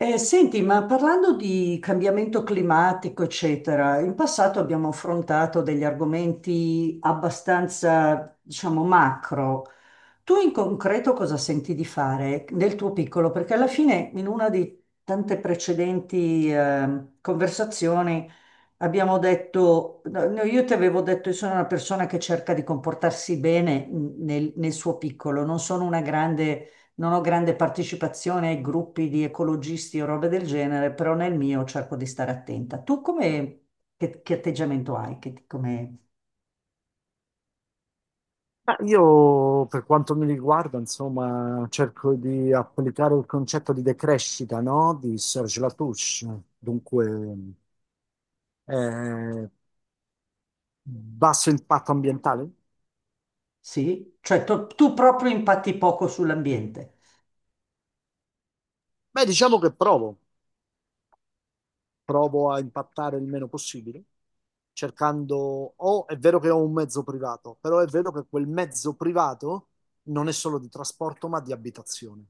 Senti, ma parlando di cambiamento climatico, eccetera, in passato abbiamo affrontato degli argomenti abbastanza, diciamo, macro. Tu in concreto cosa senti di fare nel tuo piccolo? Perché alla fine in una di tante precedenti conversazioni abbiamo detto, no, no, io ti avevo detto, io sono una persona che cerca di comportarsi bene nel, nel suo piccolo, non sono una grande, non ho grande partecipazione ai gruppi di ecologisti o robe del genere, però nel mio cerco di stare attenta. Tu come, che atteggiamento hai? Ma io, per quanto mi riguarda, insomma, cerco di applicare il concetto di decrescita, no? Di Serge Latouche. Dunque, eh, basso impatto ambientale? Sì? Cioè tu proprio impatti poco sull'ambiente. Beh, diciamo che provo a impattare il meno possibile, cercando, o è vero che ho un mezzo privato, però è vero che quel mezzo privato non è solo di trasporto, ma di abitazione,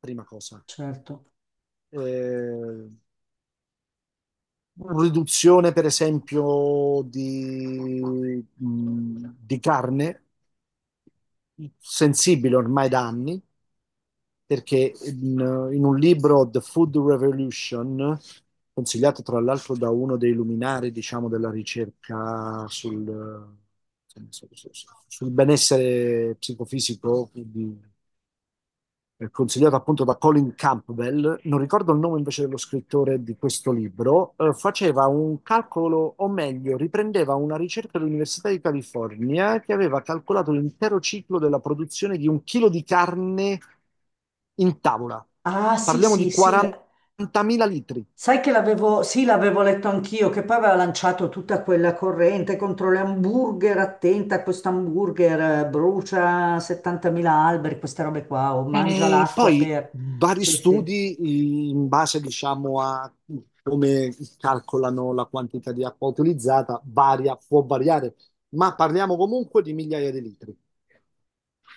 prima cosa. Certo. Eh, Riduzione, per esempio, di carne, sensibile ormai da anni, perché in un libro, The Food Revolution, consigliato tra l'altro da uno dei luminari, diciamo, della ricerca sul benessere psicofisico di, consigliato appunto da Colin Campbell, non ricordo il nome invece dello scrittore di questo libro, faceva un calcolo, o meglio, riprendeva una ricerca dell'Università di California che aveva calcolato l'intero ciclo della produzione di un chilo di carne in tavola. Ah, sì, Parliamo di sì, sì. 40.000 litri. Sai che l'avevo, sì, l'avevo letto anch'io, che poi aveva lanciato tutta quella corrente contro le hamburger, attenta, a questo hamburger brucia 70.000 alberi, queste robe qua, o mangia E l'acqua poi per... vari Sì, sì, studi in base, diciamo, a come calcolano la quantità di acqua utilizzata, varia, può variare, ma parliamo comunque di migliaia di litri.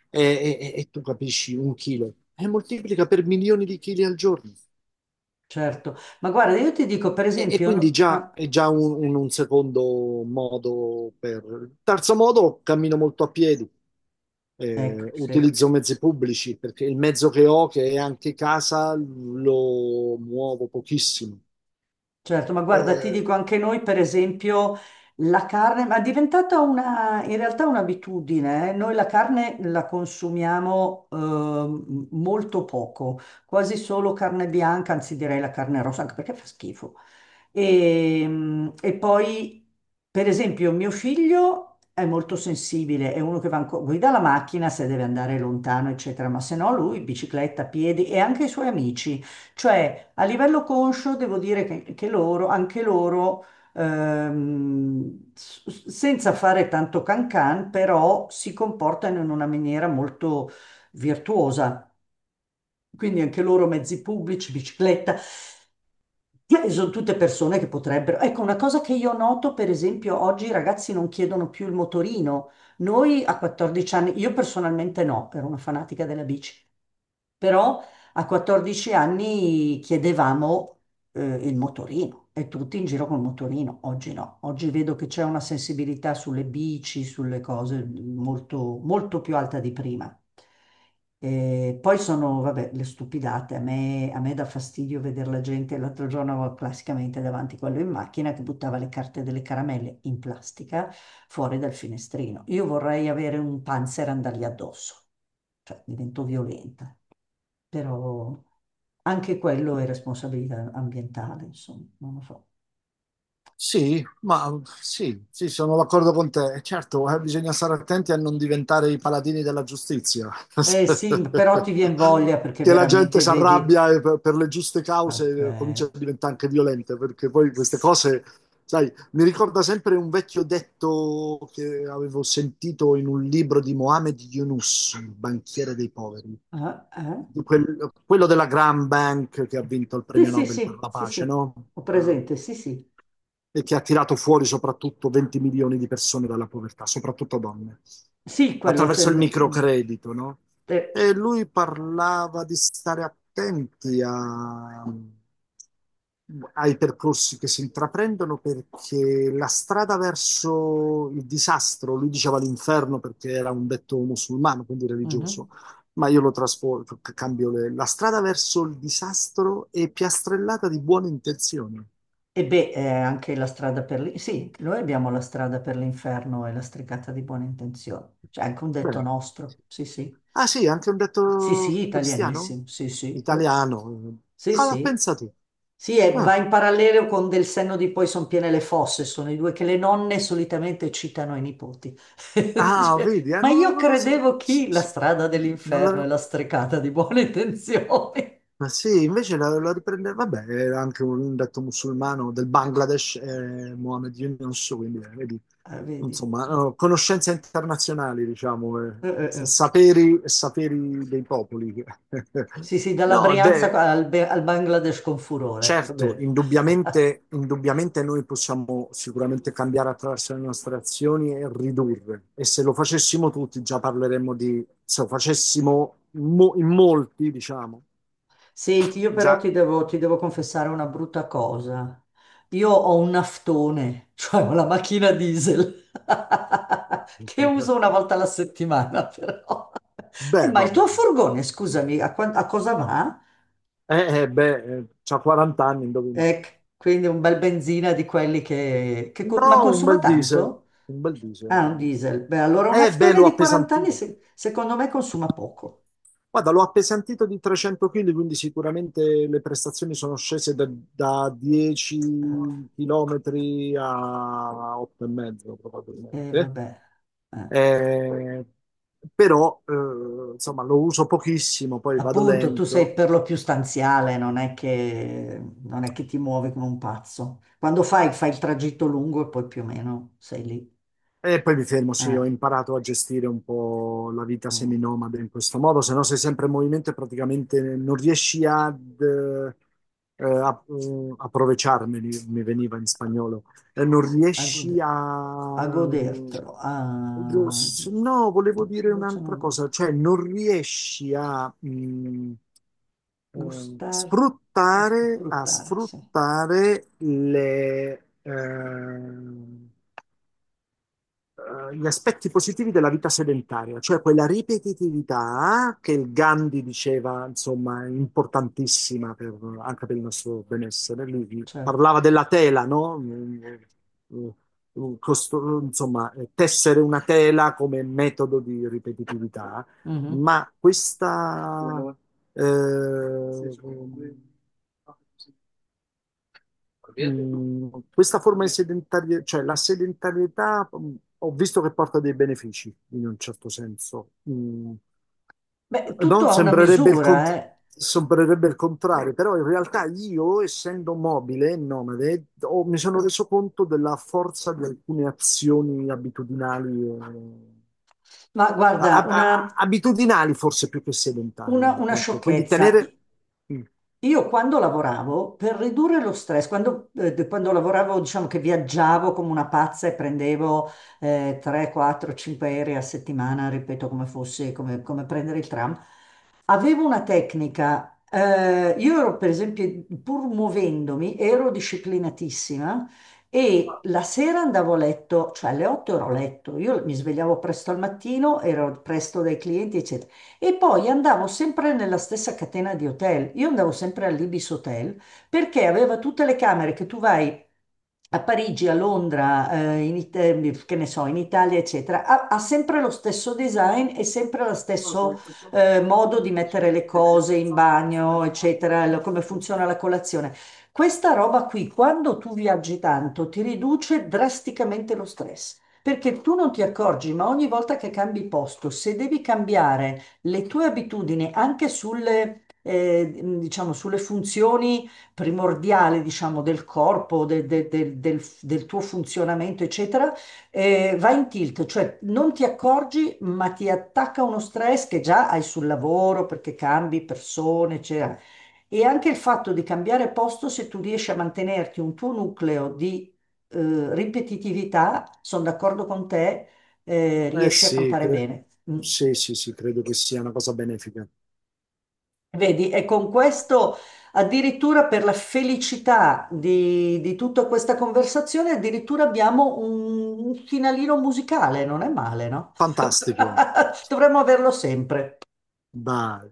E tu capisci un chilo e moltiplica per milioni di chili al giorno. certo. Ma guarda, io ti dico, per E esempio... quindi già è già un secondo modo per... Terzo modo, cammino molto a piedi. ecco, eh, sì. utilizzo mezzi pubblici perché il mezzo che ho, che è anche casa, lo muovo pochissimo. Certo, ma guarda, ti Eh, dico anche noi, per esempio, la carne, ma è diventata una, in realtà un'abitudine, eh. Noi la carne la consumiamo molto poco, quasi solo carne bianca, anzi direi la carne rossa, anche perché fa schifo. E poi, per esempio, mio figlio è molto sensibile, è uno che guida la macchina se deve andare lontano, eccetera, ma se no lui bicicletta, piedi e anche i suoi amici. Cioè, a livello conscio devo dire che loro, anche loro, senza fare tanto cancan, però si comportano in una maniera molto virtuosa. Quindi anche loro mezzi pubblici, bicicletta, sono tutte persone che potrebbero... Ecco, una cosa che io noto, per esempio, oggi i ragazzi non chiedono più il motorino. Noi a 14 anni, io personalmente no, ero una fanatica della bici. Però a 14 anni chiedevamo eh, il motorino e tutti in giro col motorino. Oggi no, oggi vedo che c'è una sensibilità sulle bici, sulle cose molto, molto più alta di prima. E poi sono, vabbè, le stupidate. A me dà fastidio vedere la gente. L'altro giorno avevo classicamente davanti quello in macchina che buttava le carte delle caramelle in plastica fuori dal finestrino. Io vorrei avere un panzer e andargli addosso, cioè divento violenta, però anche quello è responsabilità ambientale, insomma, non lo so. Sì, ma sì, sì, sono d'accordo con te. E certo, bisogna stare attenti a non diventare i paladini della giustizia, Eh sì, però ti viene voglia perché che la gente veramente si vedi, arrabbia e per le giuste cause vabbè, comincia a diventare anche violenta, perché poi queste s- cose, sai, mi ricorda sempre un vecchio detto che avevo sentito in un libro di Mohamed Yunus, il banchiere dei poveri, ah, eh? di quello della Grand Bank che ha vinto il Sì, premio sì, Nobel per sì, la sì, pace, sì, no? ho Ah, presente, sì, sì. e che ha tirato fuori soprattutto 20 milioni di persone dalla povertà, soprattutto donne, Sì, quello attraverso il microcredito, no? te- E lui parlava di stare attenti ai percorsi che si intraprendono perché la strada verso il disastro, lui diceva l'inferno perché era un detto musulmano, quindi religioso, mhm. ma io lo trasformo, cambio la strada verso il disastro è piastrellata di buone intenzioni. E beh, anche la strada per lì. Sì, noi abbiamo la strada per l'inferno e la stricata di buone intenzioni. C'è anche un detto Bene. nostro. Sì, sì. Ah sì, anche un Sì, detto sì, cristiano? italianissimo. Sì, sì. Italiano. Sì, Ah, ma sì. pensa tu. Sì, e va Ah, in parallelo con Del senno di poi son piene le fosse, sono i due che le nonne solitamente citano ai nipoti. ah, Dice, vedi, ma io non lo so. credevo chi? La strada Non dell'inferno e l'avevo... la strecata di buone intenzioni. Ma sì, invece la riprende... Vabbè, era anche un detto musulmano del Bangladesh, Mohammed Yunus, quindi vedi, Ah, vedi. Ah. insomma, conoscenze internazionali, diciamo, Eh. saperi, saperi dei popoli. Sì, sì, dalla No, Brianza beh... al, al Bangladesh con furore. Va Certo, bene. indubbiamente, indubbiamente noi possiamo sicuramente cambiare attraverso le nostre azioni e ridurre. E se lo facessimo tutti, già parleremmo di, se lo facessimo in molti, diciamo, Senti, io però già. ti devo confessare una brutta cosa. Io ho un naftone, cioè ho la macchina diesel, che uso una volta alla settimana però. Beh, Ma va il tuo bene. furgone, scusami, a, a cosa va? C'ha 40 anni, indovina. Ecco, quindi un bel benzina di quelli che... No, ma un consuma bel diesel, tanto? un bel diesel. Ah, un Un bel diesel. Beh, allora un diesel. Beh, naftone l'ho di 40 anni appesantito. Secondo me consuma poco. Guarda, l'ho appesantito di 300 kg, quindi sicuramente le prestazioni sono scese da 10 km a 8,5 E probabilmente. vabbè. Eh. Eh, però, insomma, lo uso pochissimo, poi vado Appunto, tu lento. sei per lo più stanziale, non è che ti muovi come un pazzo. Quando fai il tragitto lungo e poi più o meno sei lì. E poi mi fermo, sì, eh, ho imparato a gestire un po' la vita mm, seminomade in questo modo, se no sei sempre in movimento e praticamente non riesci ad, aprovecharmeli, mi veniva in spagnolo. Non a riesci gode- a a... godertelo. A... No, volevo dire Invece no, un'altra cosa, cioè non riesci a... gustar, a sfruttare, sì, sfruttare gli aspetti positivi della vita sedentaria, cioè quella ripetitività che il Gandhi diceva, insomma, importantissima anche per il nostro benessere. Lui certo. parlava della tela, no? Mm, insomma, tessere una tela come metodo di ripetitività, Mhm. ma eh, Mm, questa forma di sedentarietà, cioè la sedentarietà, ho visto che porta dei benefici in un certo senso. Beh, tutto No? ha una Sembrerebbe il misura, cont- eh. sembrerebbe il contrario, però in realtà io, essendo mobile e nomade, mi sono reso conto della forza di alcune azioni abitudinali. eh, Ma a- guarda, a- abitudinali forse più che sedentarie, una ecco, quindi sciocchezza. tenere, mm, Io quando lavoravo, per ridurre lo stress, quando lavoravo, diciamo che viaggiavo come una pazza e prendevo 3, 4, 5 aerei a settimana, ripeto, come fosse, come prendere il tram, avevo una tecnica. Io ero, per esempio, pur muovendomi, ero disciplinatissima e la sera andavo a letto, cioè alle 8 ero a letto, io mi svegliavo presto al mattino, ero presto dai clienti, eccetera. E poi andavo sempre nella stessa catena di hotel. Io andavo sempre all'Ibis Hotel perché aveva tutte le camere che tu vai a Parigi, a Londra, che ne so, in Italia, eccetera, ha sempre lo stesso design e sempre lo stesso modo di mettere le cose in bagno, eccetera, come funziona la colazione. Questa roba qui, quando tu viaggi tanto, ti riduce drasticamente lo stress. Perché tu non ti accorgi, ma ogni volta che cambi posto, se devi cambiare le tue abitudini anche sulle, diciamo, sulle funzioni primordiale, diciamo, del corpo, del tuo funzionamento, eccetera, va in tilt, cioè non ti accorgi, ma ti attacca uno stress che già hai sul lavoro perché cambi persone, eccetera. E anche il fatto di cambiare posto, se tu riesci a mantenerti un tuo nucleo di ripetitività, sono d'accordo con te, Eh riesci a sì, campare bene. Mm. sì, sì, sì, credo che sia una cosa benefica. Vedi, e con questo addirittura per la felicità di tutta questa conversazione, addirittura abbiamo un finalino musicale, non è male, no? Fantastico, Dovremmo averlo sempre. dai.